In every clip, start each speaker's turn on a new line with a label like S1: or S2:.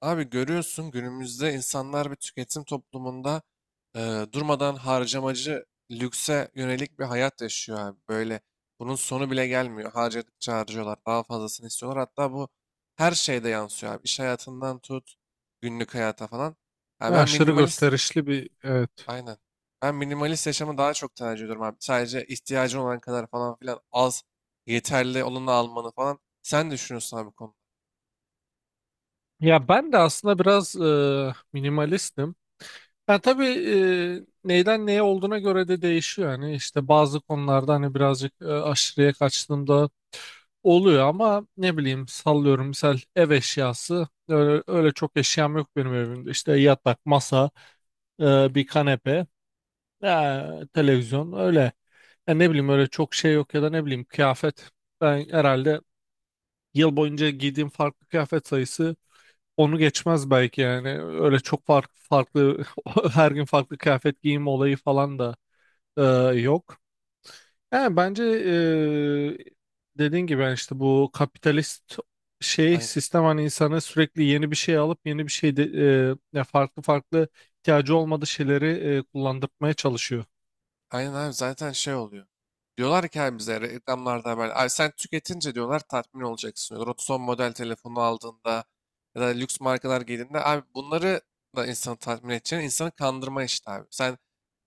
S1: Abi görüyorsun günümüzde insanlar bir tüketim toplumunda durmadan harcamacı lükse yönelik bir hayat yaşıyor abi. Böyle bunun sonu bile gelmiyor. Harcadıkça harcıyorlar. Daha fazlasını istiyorlar. Hatta bu her şeyde yansıyor abi. İş hayatından tut günlük hayata falan. Ha,
S2: Ne
S1: ben
S2: aşırı
S1: minimalist
S2: gösterişli bir evet.
S1: aynen. Ben minimalist yaşamı daha çok tercih ediyorum abi. Sadece ihtiyacın olan kadar falan filan az yeterli olanı almanı falan. Sen ne düşünüyorsun abi bu konuda?
S2: Ya ben de aslında biraz minimalistim. Ya tabii neyden neye olduğuna göre de değişiyor. Yani işte bazı konularda hani birazcık aşırıya kaçtığımda oluyor ama ne bileyim sallıyorum misal ev eşyası öyle çok eşyam yok benim evimde. İşte yatak, masa, bir kanepe, e, televizyon öyle. Ya ne bileyim öyle çok şey yok ya da ne bileyim kıyafet. Ben herhalde yıl boyunca giydiğim farklı kıyafet sayısı onu geçmez belki yani. Öyle çok farklı farklı her gün farklı kıyafet giyim olayı falan da e, yok. Yani bence dediğin gibi yani işte bu kapitalist şey
S1: Aynen.
S2: sistem hani insanı sürekli yeni bir şey alıp yeni bir şey de, ya farklı farklı ihtiyacı olmadığı şeyleri kullandırmaya çalışıyor.
S1: Aynen abi zaten şey oluyor. Diyorlar ki abi bize reklamlarda haber. Abi sen tüketince diyorlar tatmin olacaksın diyorlar. O son model telefonu aldığında ya da lüks markalar giydiğinde abi bunları da insanı tatmin edeceğini insanı kandırma işte abi. Sen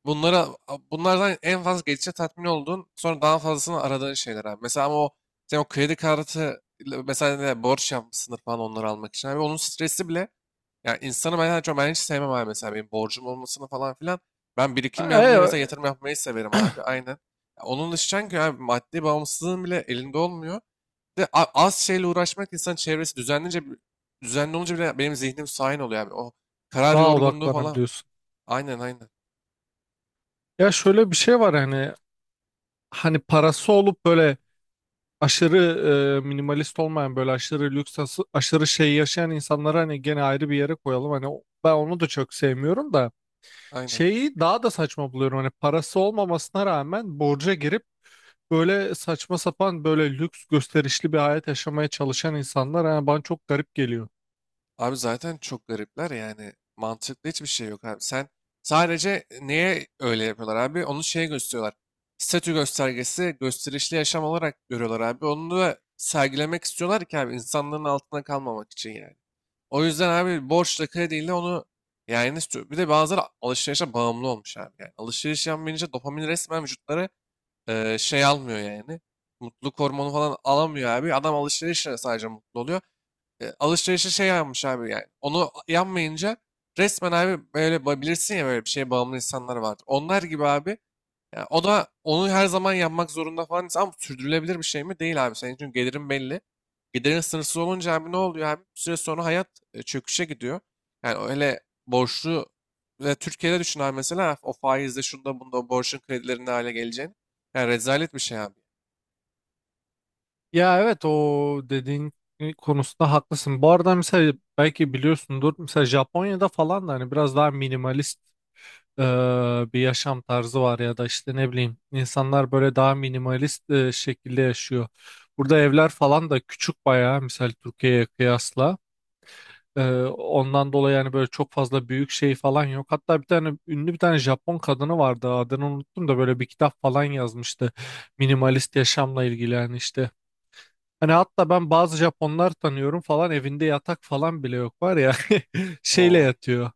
S1: bunlara bunlardan en fazla geçici tatmin olduğun sonra daha fazlasını aradığın şeyler abi. Mesela ama o sen o kredi kartı ile mesela ne, borç yapmışsındır falan onları almak için abi. Onun stresi bile yani insanı ben hiç sevmem abi mesela benim borcum olmasını falan filan. Ben
S2: E,
S1: birikim
S2: e,
S1: yapmayı mesela yatırım yapmayı severim abi. Aynen. Ya onun dışı ki abi maddi bağımsızlığın bile elinde olmuyor. Bir de az şeyle uğraşmak insan çevresi düzenlince düzenli olunca bile benim zihnim sakin oluyor abi. O karar
S2: Daha
S1: yorgunluğu falan.
S2: odaklanabiliyorsun.
S1: Aynen aynen.
S2: Ya şöyle bir şey var hani parası olup böyle aşırı minimalist olmayan böyle aşırı lüks aşırı şey yaşayan insanları hani gene ayrı bir yere koyalım. Hani ben onu da çok sevmiyorum da
S1: Aynen.
S2: şeyi daha da saçma buluyorum. Hani parası olmamasına rağmen borca girip böyle saçma sapan böyle lüks gösterişli bir hayat yaşamaya çalışan insanlar yani bana çok garip geliyor.
S1: Abi zaten çok garipler yani. Mantıklı hiçbir şey yok abi. Sen sadece neye öyle yapıyorlar abi? Onu şeye gösteriyorlar. Statü göstergesi gösterişli yaşam olarak görüyorlar abi. Onu da sergilemek istiyorlar ki abi insanların altına kalmamak için yani. O yüzden abi borçla krediyle onu yani bir de bazıları alışverişe bağımlı olmuş abi. Yani alışveriş yapmayınca dopamin resmen vücutları şey almıyor yani. Mutluluk hormonu falan alamıyor abi. Adam alışverişle sadece mutlu oluyor. Alışverişe şey yapmış abi yani. Onu yanmayınca resmen abi böyle bilirsin ya böyle bir şeye bağımlı insanlar vardır. Onlar gibi abi ya o da onu her zaman yapmak zorunda falan insan ama sürdürülebilir bir şey mi? Değil abi. Senin çünkü gelirin belli. Gelirin sınırsız olunca abi ne oluyor abi? Bir süre sonra hayat çöküşe gidiyor. Yani öyle borçlu ve Türkiye'de düşün abi mesela o faizde şunda bunda o borcun kredilerinde hale geleceğini. Yani rezalet bir şey abi.
S2: Ya evet o dediğin konusunda haklısın. Bu arada mesela belki biliyorsundur mesela Japonya'da falan da hani biraz daha minimalist bir yaşam tarzı var ya da işte ne bileyim insanlar böyle daha minimalist şekilde yaşıyor. Burada evler falan da küçük bayağı misal Türkiye'ye kıyasla. Ondan dolayı yani böyle çok fazla büyük şey falan yok. Hatta bir tane ünlü bir tane Japon kadını vardı adını unuttum da böyle bir kitap falan yazmıştı. Minimalist yaşamla ilgili yani işte. Hani hatta ben bazı Japonlar tanıyorum falan evinde yatak falan bile yok var ya şeyle
S1: O
S2: yatıyor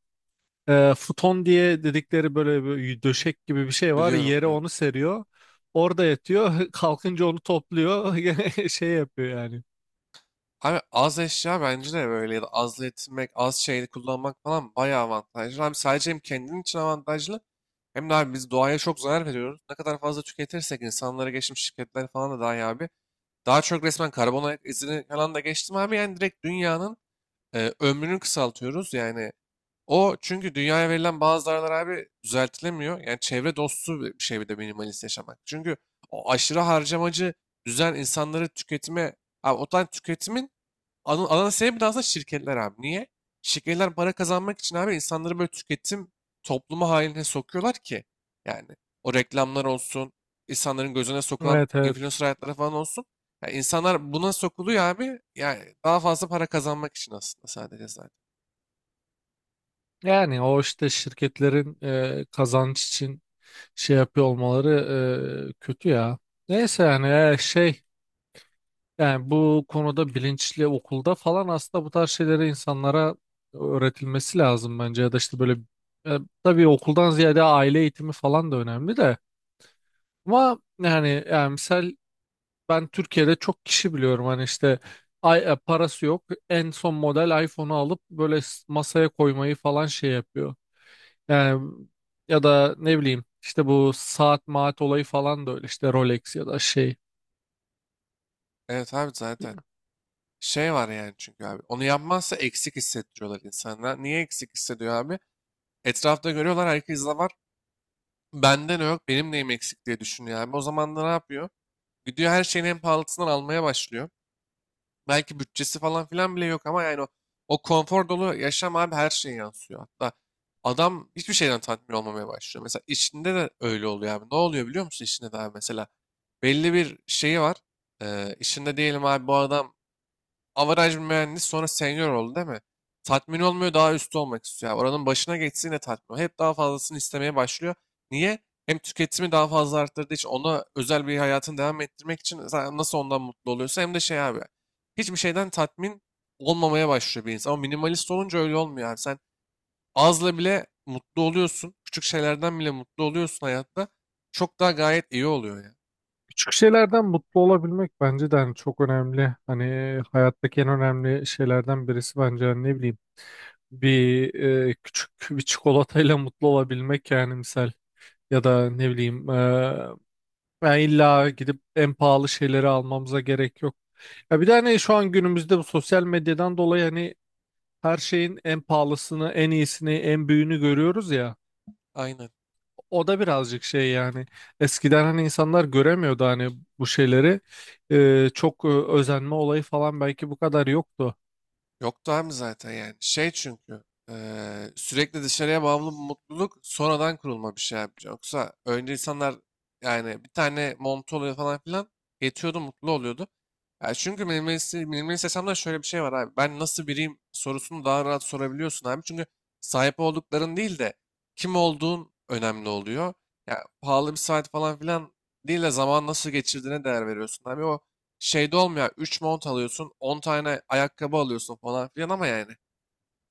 S2: futon diye dedikleri böyle bir döşek gibi bir şey var.
S1: biliyorum
S2: Yere
S1: diyorum.
S2: onu seriyor. Orada yatıyor. Kalkınca onu topluyor. Gene şey yapıyor yani.
S1: Abi az eşya bence de böyle ya da az yetinmek, az şeyi kullanmak falan bayağı avantajlı. Abi sadece hem kendin için avantajlı hem de abi biz doğaya çok zarar veriyoruz. Ne kadar fazla tüketirsek insanlara geçmiş şirketler falan da dahi abi. Daha çok resmen karbon ayak izini falan da geçtim abi. Yani direkt dünyanın ömrünü kısaltıyoruz. Yani o çünkü dünyaya verilen bazı zararlar abi düzeltilemiyor. Yani çevre dostu bir şey bir de minimalist yaşamak. Çünkü o aşırı harcamacı düzen insanları tüketime, abi o tane tüketimin ana sebep de aslında şirketler abi. Niye? Şirketler para kazanmak için abi insanları böyle tüketim toplumu haline sokuyorlar ki. Yani o reklamlar olsun, insanların gözüne sokulan
S2: Evet, evet.
S1: influencer hayatları falan olsun. Yani insanlar buna sokuluyor abi. Yani daha fazla para kazanmak için aslında sadece zaten.
S2: Yani o işte şirketlerin kazanç için şey yapıyor olmaları kötü ya. Neyse yani şey yani bu konuda bilinçli okulda falan aslında bu tarz şeyleri insanlara öğretilmesi lazım bence ya da işte böyle e, tabii okuldan ziyade aile eğitimi falan da önemli de. Ama yani misal ben Türkiye'de çok kişi biliyorum hani işte ay, parası yok en son model iPhone'u alıp böyle masaya koymayı falan şey yapıyor. Yani ya da ne bileyim işte bu saat maat olayı falan da öyle işte Rolex ya da şey.
S1: Evet abi zaten. Şey var yani çünkü abi. Onu yapmazsa eksik hissettiriyorlar insanlar. Niye eksik hissediyor abi? Etrafta görüyorlar herkes de var. Benden yok, benim neyim eksik diye düşünüyor abi. O zaman da ne yapıyor? Gidiyor her şeyin en pahalısından almaya başlıyor. Belki bütçesi falan filan bile yok ama yani o konfor dolu yaşam abi her şeye yansıyor. Hatta adam hiçbir şeyden tatmin olmamaya başlıyor. Mesela işinde de öyle oluyor abi. Ne oluyor biliyor musun işinde de abi mesela? Belli bir şeyi var. İşinde diyelim abi bu adam average bir mühendis sonra senior oldu değil mi? Tatmin olmuyor daha üstü olmak istiyor. Yani oranın başına geçsin de tatmin olmuyor. Hep daha fazlasını istemeye başlıyor. Niye? Hem tüketimi daha fazla arttırdığı için ona özel bir hayatını devam ettirmek için sen nasıl ondan mutlu oluyorsa hem de şey abi. Hiçbir şeyden tatmin olmamaya başlıyor bir insan. Ama minimalist olunca öyle olmuyor abi. Sen azla bile mutlu oluyorsun. Küçük şeylerden bile mutlu oluyorsun hayatta. Çok daha gayet iyi oluyor ya.
S2: Küçük şeylerden mutlu olabilmek bence de hani çok önemli. Hani hayattaki en önemli şeylerden birisi bence hani ne bileyim bir küçük bir çikolatayla mutlu olabilmek yani misal ya da ne bileyim yani illa gidip en pahalı şeyleri almamıza gerek yok. Ya bir de hani şu an günümüzde bu sosyal medyadan dolayı hani her şeyin en pahalısını, en iyisini, en büyüğünü görüyoruz ya.
S1: Aynen.
S2: O da birazcık şey yani eskiden hani insanlar göremiyordu hani bu şeyleri. Çok özenme olayı falan belki bu kadar yoktu.
S1: Yoktu abi zaten yani. Şey çünkü sürekli dışarıya bağımlı bir mutluluk sonradan kurulma bir şey abi. Yoksa önce insanlar yani bir tane montu oluyor falan filan yetiyordu mutlu oluyordu. Ya çünkü minimalist yaşamda şöyle bir şey var abi. Ben nasıl biriyim sorusunu daha rahat sorabiliyorsun abi. Çünkü sahip oldukların değil de kim olduğun önemli oluyor. Ya pahalı bir saat falan filan değil de zaman nasıl geçirdiğine değer veriyorsun abi. O şeyde olmuyor. 3 mont alıyorsun, 10 tane ayakkabı alıyorsun falan filan ama yani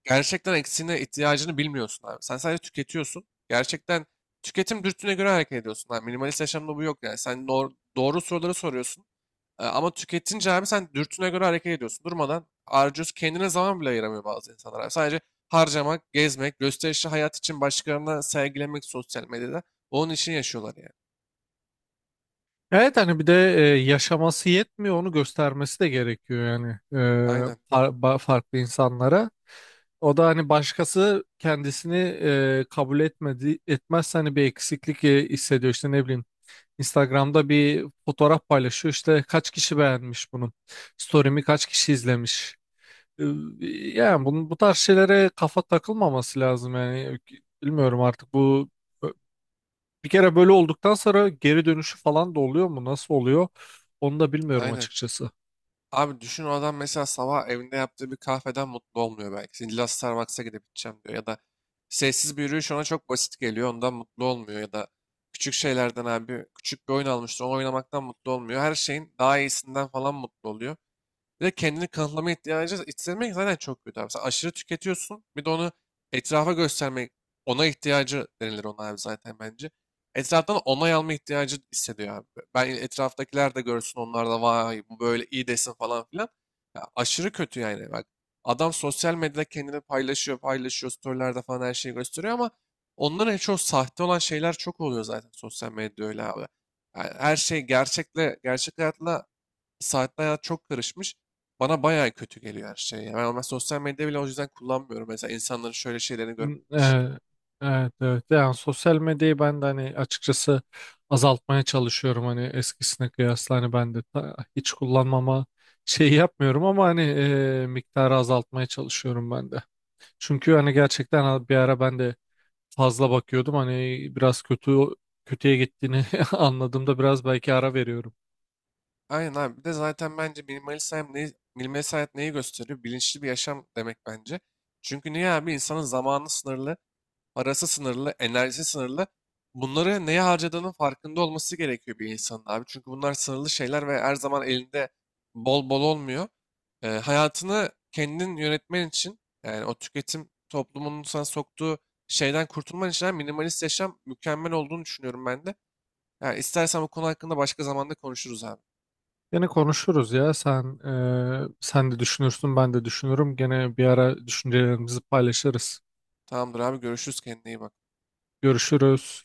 S1: gerçekten eksiğine ihtiyacını bilmiyorsun abi. Sen sadece tüketiyorsun. Gerçekten tüketim dürtüne göre hareket ediyorsun abi. Minimalist yaşamda bu yok yani. Sen doğru soruları soruyorsun. Ama tüketince abi sen dürtüne göre hareket ediyorsun. Durmadan harcıyorsun. Kendine zaman bile ayıramıyor bazı insanlar abi. Sadece harcamak, gezmek, gösterişli hayat için başkalarına sergilemek sosyal medyada. Onun için yaşıyorlar yani.
S2: Evet hani bir de yaşaması yetmiyor onu göstermesi de gerekiyor yani
S1: Aynen.
S2: farklı insanlara. O da hani başkası kendisini kabul etmezse hani bir eksiklik hissediyor işte ne bileyim. Instagram'da bir fotoğraf paylaşıyor işte kaç kişi beğenmiş bunu. Story'mi kaç kişi izlemiş. Ee, Yani bu tarz şeylere kafa takılmaması lazım yani bilmiyorum artık bu bir kere böyle olduktan sonra geri dönüşü falan da oluyor mu nasıl oluyor onu da bilmiyorum
S1: Aynen.
S2: açıkçası.
S1: Abi düşün o adam mesela sabah evinde yaptığı bir kahveden mutlu olmuyor belki. İlla Starbucks'a gidip içeceğim diyor. Ya da sessiz bir yürüyüş ona çok basit geliyor. Ondan mutlu olmuyor. Ya da küçük şeylerden abi küçük bir oyun almıştır. Onu oynamaktan mutlu olmuyor. Her şeyin daha iyisinden falan mutlu oluyor. Bir de kendini kanıtlama ihtiyacı hissetmek zaten çok kötü abi. Sen aşırı tüketiyorsun. Bir de onu etrafa göstermek, ona ihtiyacı denilir ona abi zaten bence. Etraftan onay alma ihtiyacı hissediyor abi. Ben etraftakiler de görsün onlar da vay bu böyle iyi desin falan filan. Ya aşırı kötü yani bak. Adam sosyal medyada kendini paylaşıyor, storylerde falan her şeyi gösteriyor ama onların en çok sahte olan şeyler çok oluyor zaten sosyal medyada öyle abi. Yani her şey gerçek hayatla saatli hayat çok karışmış. Bana bayağı kötü geliyor her şey. Ya. Ben ama sosyal medya bile o yüzden kullanmıyorum. Mesela insanların şöyle şeylerini
S2: Hmm.
S1: görmek için.
S2: Evet, evet yani sosyal medyayı ben de hani açıkçası azaltmaya çalışıyorum hani eskisine kıyasla hani ben de hiç kullanmama şey yapmıyorum ama hani miktarı azaltmaya çalışıyorum ben de. Çünkü hani gerçekten bir ara ben de fazla bakıyordum. Hani biraz kötüye gittiğini anladığımda biraz belki ara veriyorum.
S1: Aynen abi. Bir de zaten bence minimalist minimalist hayat neyi gösteriyor? Bilinçli bir yaşam demek bence. Çünkü niye abi? İnsanın zamanı sınırlı. Parası sınırlı, enerjisi sınırlı. Bunları neye harcadığının farkında olması gerekiyor bir insanın abi. Çünkü bunlar sınırlı şeyler ve her zaman elinde bol bol olmuyor. Hayatını kendin yönetmen için yani o tüketim toplumunun sana soktuğu şeyden kurtulman için abi minimalist yaşam mükemmel olduğunu düşünüyorum ben de. Yani istersen bu konu hakkında başka zamanda konuşuruz abi.
S2: Gene konuşuruz ya. Sen de düşünürsün, ben de düşünürüm. Gene bir ara düşüncelerimizi paylaşırız.
S1: Tamamdır abi görüşürüz kendine iyi bak.
S2: Görüşürüz.